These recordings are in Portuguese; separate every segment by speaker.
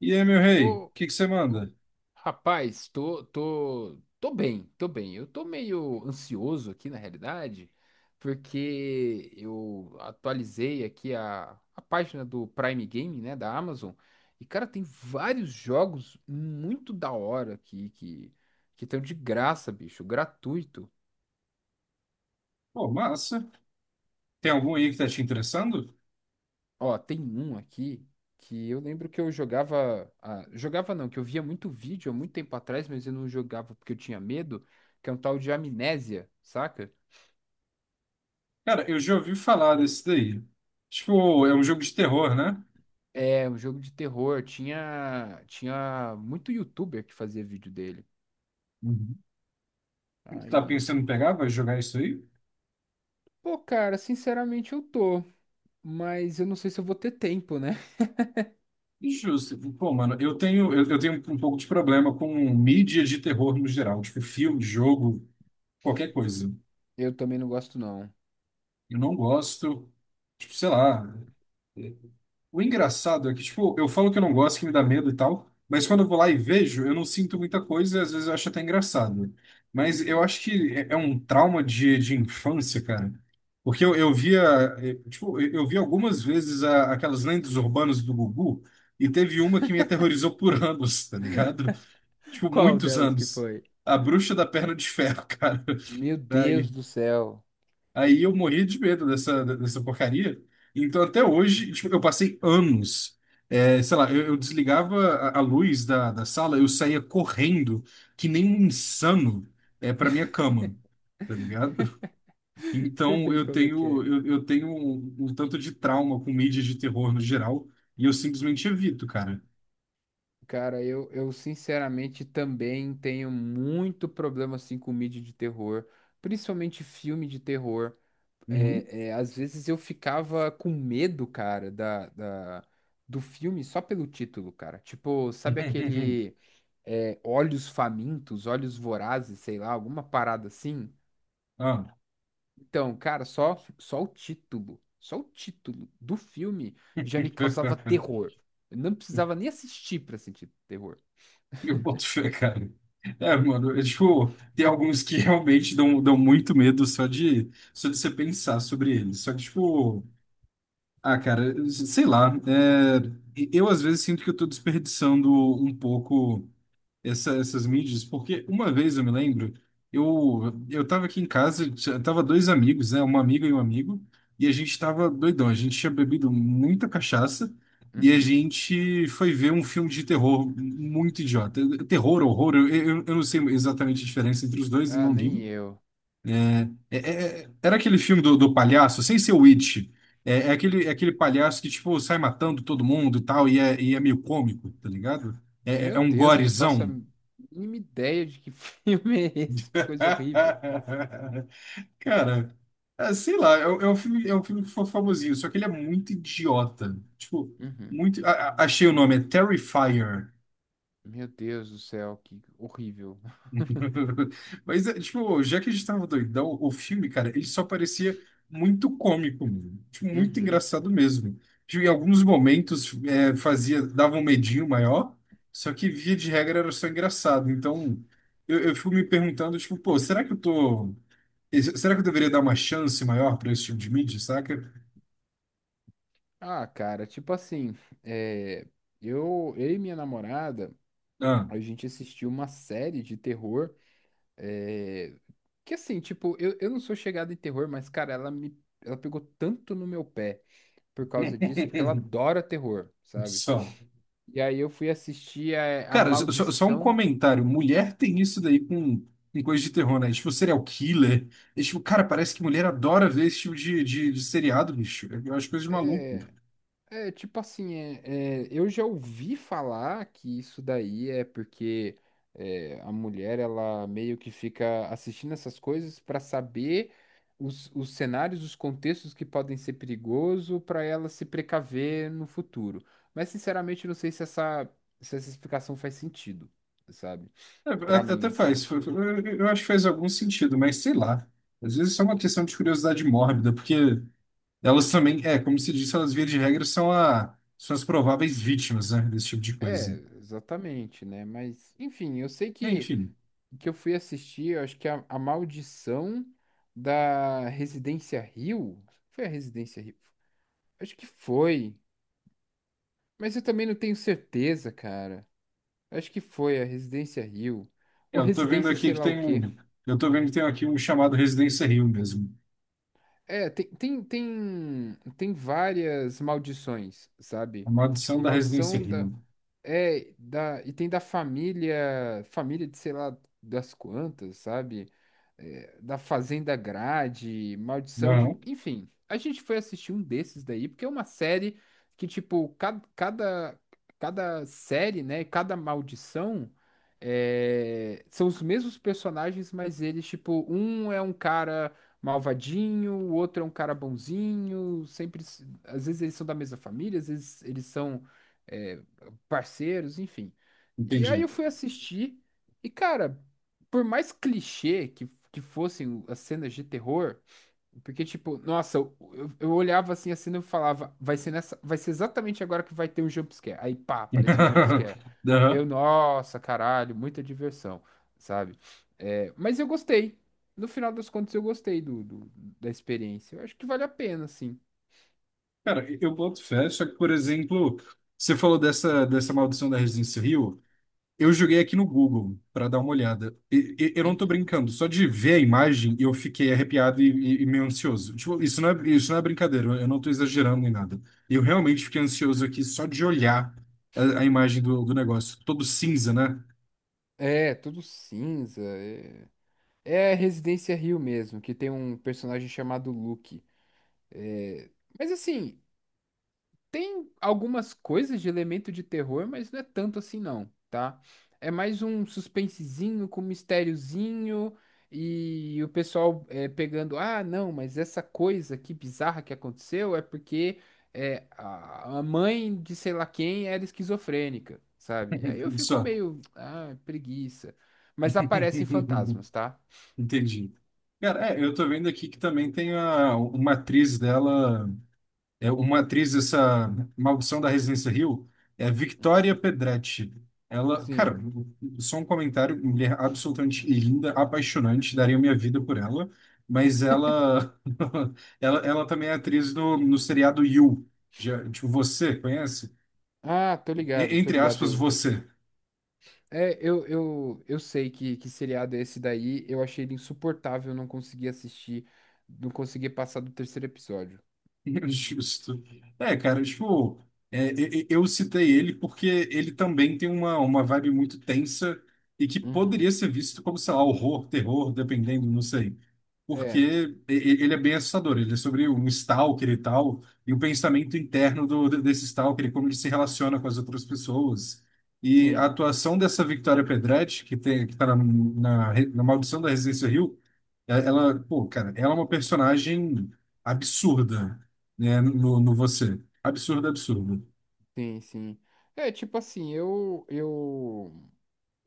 Speaker 1: E aí, meu rei, o
Speaker 2: Ô,
Speaker 1: que que você
Speaker 2: ô,
Speaker 1: manda?
Speaker 2: rapaz, tô bem, tô bem. Eu tô meio ansioso aqui, na realidade, porque eu atualizei aqui a página do Prime Game, né, da Amazon. E, cara, tem vários jogos muito da hora aqui que estão de graça, bicho, gratuito.
Speaker 1: Pô, massa. Tem algum aí que tá te interessando?
Speaker 2: Ó, tem um aqui que eu lembro que eu jogava. Jogava não, que eu via muito vídeo há muito tempo atrás, mas eu não jogava porque eu tinha medo, que é um tal de Amnésia, saca?
Speaker 1: Cara, eu já ouvi falar desse daí. Tipo, é um jogo de terror, né?
Speaker 2: É um jogo de terror. Tinha muito youtuber que fazia vídeo dele.
Speaker 1: Uhum. Tá
Speaker 2: Aí,
Speaker 1: pensando em
Speaker 2: tipo,
Speaker 1: pegar, vai jogar isso aí?
Speaker 2: pô, cara, sinceramente eu tô. Mas eu não sei se eu vou ter tempo, né?
Speaker 1: Injusto. Pô, mano, eu tenho um pouco de problema com mídia de terror no geral. Tipo, filme, jogo, qualquer coisa.
Speaker 2: Eu também não gosto, não.
Speaker 1: Eu não gosto, tipo, sei lá. O engraçado é que, tipo, eu falo que eu não gosto, que me dá medo e tal, mas quando eu vou lá e vejo, eu não sinto muita coisa e às vezes eu acho até engraçado. Mas eu
Speaker 2: Uhum.
Speaker 1: acho que é um trauma de infância, cara. Porque eu via, tipo, eu vi algumas vezes aquelas lendas urbanas do Gugu e teve uma que me aterrorizou por anos, tá ligado? Tipo,
Speaker 2: Qual
Speaker 1: muitos
Speaker 2: delas que
Speaker 1: anos.
Speaker 2: foi?
Speaker 1: A Bruxa da Perna de Ferro, cara.
Speaker 2: Meu
Speaker 1: Aí,
Speaker 2: Deus do céu.
Speaker 1: aí eu morri de medo dessa porcaria. Então, até hoje, tipo, eu passei anos. É, sei lá, eu desligava a luz da sala, eu saía correndo, que nem um insano, é, para minha cama, tá ligado?
Speaker 2: Sei
Speaker 1: Então,
Speaker 2: bem
Speaker 1: eu
Speaker 2: como é que
Speaker 1: tenho,
Speaker 2: é.
Speaker 1: eu, eu tenho um, um tanto de trauma com mídias de terror no geral, e eu simplesmente evito, cara.
Speaker 2: Cara, eu sinceramente também tenho muito problema assim com mídia de terror, principalmente filme de terror.
Speaker 1: Uhum.
Speaker 2: Às vezes eu ficava com medo, cara, da do filme só pelo título, cara. Tipo, sabe aquele Olhos Famintos, Olhos Vorazes, sei lá, alguma parada assim?
Speaker 1: Ah.
Speaker 2: Então, cara, só o título do filme já me causava terror. Eu não precisava nem assistir pra sentir terror.
Speaker 1: Eu boto fé, cara. É, mano, é, tipo, tem alguns que realmente dão muito medo só de você pensar sobre eles. Só que, tipo, ah, cara, sei lá. É, eu às vezes sinto que eu tô desperdiçando um pouco essas mídias, porque uma vez eu me lembro, eu estava aqui em casa, tava dois amigos, né, uma amiga e um amigo, e a gente tava doidão, a gente tinha bebido muita cachaça e a
Speaker 2: Uhum.
Speaker 1: gente foi ver um filme de terror muito idiota, terror, horror, eu não sei exatamente a diferença entre os dois e
Speaker 2: Ah,
Speaker 1: não
Speaker 2: nem
Speaker 1: ligo.
Speaker 2: eu.
Speaker 1: Era aquele filme do, do palhaço, sem ser o It. É, é aquele palhaço que, tipo, sai matando todo mundo e tal, e é meio cômico, tá ligado? É, é
Speaker 2: Meu
Speaker 1: um
Speaker 2: Deus, eu não faço a
Speaker 1: gorezão.
Speaker 2: mínima ideia de que filme é esse. Que coisa horrível.
Speaker 1: Cara, ah, sei lá, é um filme que foi famosinho, só que ele é muito idiota. Tipo,
Speaker 2: Uhum.
Speaker 1: muito. Achei o nome, é Terrifier.
Speaker 2: Meu Deus do céu, que horrível.
Speaker 1: Mas, é, tipo, já que a gente tava doidão, o filme, cara, ele só parecia muito cômico, mano. Tipo, muito
Speaker 2: Uhum.
Speaker 1: engraçado mesmo. Tipo, em alguns momentos é, fazia, dava um medinho maior, só que via de regra era só engraçado. Então, eu fico me perguntando, tipo, pô, será que eu tô. Será que eu deveria dar uma chance maior pra esse tipo de mídia, saca?
Speaker 2: Ah, cara, tipo assim, é, eu e minha namorada,
Speaker 1: Ah.
Speaker 2: a gente assistiu uma série de terror, é, que assim, tipo, eu não sou chegado em terror, mas, cara, ela me, ela pegou tanto no meu pé por causa disso, porque ela adora terror, sabe?
Speaker 1: Só.
Speaker 2: E aí eu fui assistir a
Speaker 1: Cara, um
Speaker 2: Maldição.
Speaker 1: comentário. Mulher tem isso daí com coisa de terror, né? Tipo, serial killer. É, tipo, cara, parece que mulher adora ver esse tipo de seriado, bicho. Eu acho coisa de maluco.
Speaker 2: É, eu já ouvi falar que isso daí é porque a mulher ela meio que fica assistindo essas coisas para saber os cenários, os contextos que podem ser perigoso para ela se precaver no futuro. Mas sinceramente, eu não sei se essa explicação faz sentido, sabe?
Speaker 1: É, é,
Speaker 2: Para
Speaker 1: até
Speaker 2: mim,
Speaker 1: até
Speaker 2: assim.
Speaker 1: faz. Eu acho que faz algum sentido, mas sei lá. Às vezes é só uma questão de curiosidade mórbida, porque elas também, é, como se disse, elas via de regra são, a, são as prováveis vítimas, né, desse tipo de
Speaker 2: É,
Speaker 1: coisa.
Speaker 2: exatamente, né? Mas, enfim, eu sei que.
Speaker 1: Enfim,
Speaker 2: Que eu fui assistir, eu acho que a Maldição da Residência Rio. Foi a Residência Rio? Acho que foi. Mas eu também não tenho certeza, cara. Acho que foi a Residência Rio.
Speaker 1: é,
Speaker 2: Ou
Speaker 1: eu tô vendo
Speaker 2: Residência
Speaker 1: aqui
Speaker 2: sei
Speaker 1: que
Speaker 2: lá o
Speaker 1: tem um.
Speaker 2: quê.
Speaker 1: Eu tô vendo que tem aqui um chamado Residência Rio mesmo.
Speaker 2: É, tem várias maldições,
Speaker 1: A
Speaker 2: sabe? Tem tipo
Speaker 1: maldição da Residência
Speaker 2: maldição da.
Speaker 1: Rio.
Speaker 2: É, da, e tem da família, família de sei lá das quantas, sabe? É, da Fazenda Grade, Maldição de.
Speaker 1: Não,
Speaker 2: Enfim, a gente foi assistir um desses daí, porque é uma série que, tipo, cada série, né? Cada maldição são os mesmos personagens, mas eles, tipo, um é um cara malvadinho, o outro é um cara bonzinho, sempre. Às vezes eles são da mesma família, às vezes eles são. é, Parceiros, enfim. E aí
Speaker 1: entendi.
Speaker 2: eu fui assistir, e cara, por mais clichê que fossem as cenas de terror, porque tipo, nossa, eu olhava assim a cena e falava, vai ser nessa, vai ser exatamente agora que vai ter um jump scare. Aí pá, apareceu o jump scare. Eu,
Speaker 1: Aham.
Speaker 2: nossa, caralho, muita diversão, sabe? É, mas eu gostei. No final das contas, eu gostei do da experiência. Eu acho que vale a pena, sim.
Speaker 1: Cara, eu boto fé, só que, por exemplo, você falou dessa, dessa maldição da Residência Rio, eu joguei aqui no Google para dar uma olhada. Eu não tô
Speaker 2: Uhum.
Speaker 1: brincando, só de ver a imagem eu fiquei arrepiado e, e meio ansioso. Tipo, isso não é brincadeira, eu não tô exagerando em nada. Eu realmente fiquei ansioso aqui só de olhar a imagem do, do negócio, todo cinza, né?
Speaker 2: É, tudo cinza. É. É Residência Hill mesmo, que tem um personagem chamado Luke. É. Mas assim, tem algumas coisas de elemento de terror, mas não é tanto assim não, tá? É mais um suspensezinho com mistériozinho e o pessoal é, pegando, ah, não, mas essa coisa que bizarra que aconteceu é porque a mãe de sei lá quem era esquizofrênica, sabe? Aí eu fico
Speaker 1: Só.
Speaker 2: meio, ah, preguiça. Mas aparecem fantasmas, tá?
Speaker 1: Entendi. Cara, é, eu tô vendo aqui que também tem a, uma atriz dela, é uma atriz dessa Maldição da Residência Hill, é Victoria Pedretti. Ela, cara,
Speaker 2: Sim.
Speaker 1: só um comentário, mulher absolutamente linda, apaixonante, daria minha vida por ela, mas ela ela também é atriz no, no seriado You. Já, tipo, você conhece?
Speaker 2: Ah, tô ligado, tô
Speaker 1: Entre
Speaker 2: ligado.
Speaker 1: aspas,
Speaker 2: Eu,
Speaker 1: você.
Speaker 2: eu sei que seriado é esse daí. Eu achei ele insuportável, eu não consegui assistir, não consegui passar do terceiro episódio.
Speaker 1: Justo. É, cara, tipo, é, eu citei ele porque ele também tem uma vibe muito tensa e que
Speaker 2: Uhum.
Speaker 1: poderia ser visto como, sei lá, horror, terror, dependendo, não sei.
Speaker 2: É,
Speaker 1: Porque ele é bem assustador, ele é sobre um stalker e tal, e o pensamento interno do, desse stalker, e como ele se relaciona com as outras pessoas. E a
Speaker 2: sim,
Speaker 1: atuação dessa Victoria Pedretti, que tem, que tá na, na, na Maldição da Residência Hill, ela, pô, cara, ela é uma personagem absurda, né, no, no você. Absurda, absurda.
Speaker 2: sim, sim. É, tipo assim, eu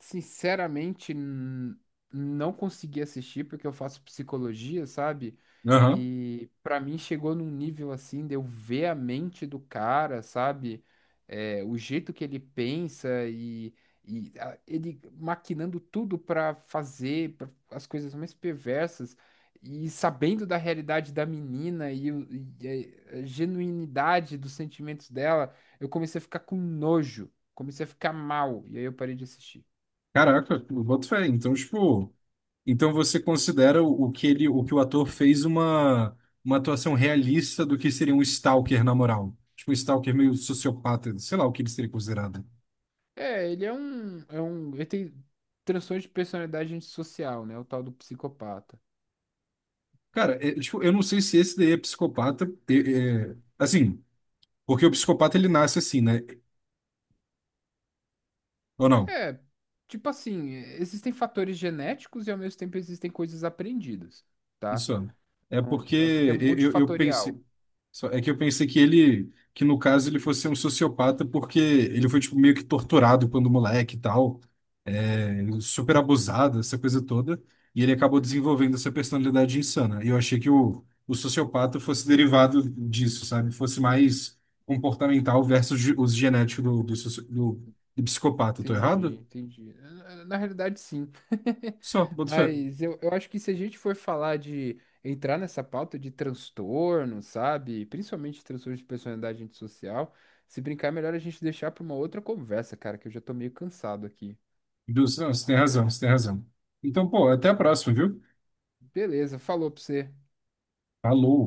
Speaker 2: sinceramente não consegui assistir porque eu faço psicologia, sabe?
Speaker 1: Aham.
Speaker 2: E pra mim chegou num nível assim de eu ver a mente do cara, sabe? É, o jeito que ele pensa e, ele maquinando tudo pra as coisas mais perversas e sabendo da realidade da menina e, e a genuinidade dos sentimentos dela, eu comecei a ficar com nojo, comecei a ficar mal e aí eu parei de assistir.
Speaker 1: Caraca, eu boto fé. Então, tipo, então você considera o que ele, o que o ator fez uma atuação realista do que seria um stalker na moral. Tipo, um stalker meio sociopata, sei lá o que ele seria considerado.
Speaker 2: É, ele é um, ele tem transtorno de personalidade antissocial, né? O tal do psicopata.
Speaker 1: Cara, é, tipo, eu não sei se esse daí é psicopata, é, é, assim, porque o psicopata ele nasce assim, né? Ou não?
Speaker 2: Tipo assim, existem fatores genéticos e ao mesmo tempo existem coisas aprendidas, tá?
Speaker 1: Isso. É
Speaker 2: Não,
Speaker 1: porque
Speaker 2: é porque é
Speaker 1: eu, eu pensei.
Speaker 2: multifatorial.
Speaker 1: É que eu pensei que ele, que no caso ele fosse um sociopata porque ele foi tipo, meio que torturado quando moleque e tal, é, super abusado, essa coisa toda, e ele acabou
Speaker 2: Uhum,
Speaker 1: desenvolvendo essa personalidade insana. E eu achei que o sociopata fosse derivado disso, sabe? Fosse mais comportamental versus os genéticos do, do, do, do psicopata. Tô
Speaker 2: entendi,
Speaker 1: errado?
Speaker 2: entendi. Na na realidade, sim.
Speaker 1: Só, boto fé.
Speaker 2: Mas eu acho que se a gente for falar de entrar nessa pauta de transtorno, sabe? Principalmente transtorno de personalidade antissocial, se brincar, é melhor a gente deixar para uma outra conversa, cara, que eu já tô meio cansado aqui.
Speaker 1: Não, você tem razão, você tem razão. Então, pô, até a próxima, viu?
Speaker 2: Beleza, falou pra você.
Speaker 1: Falou.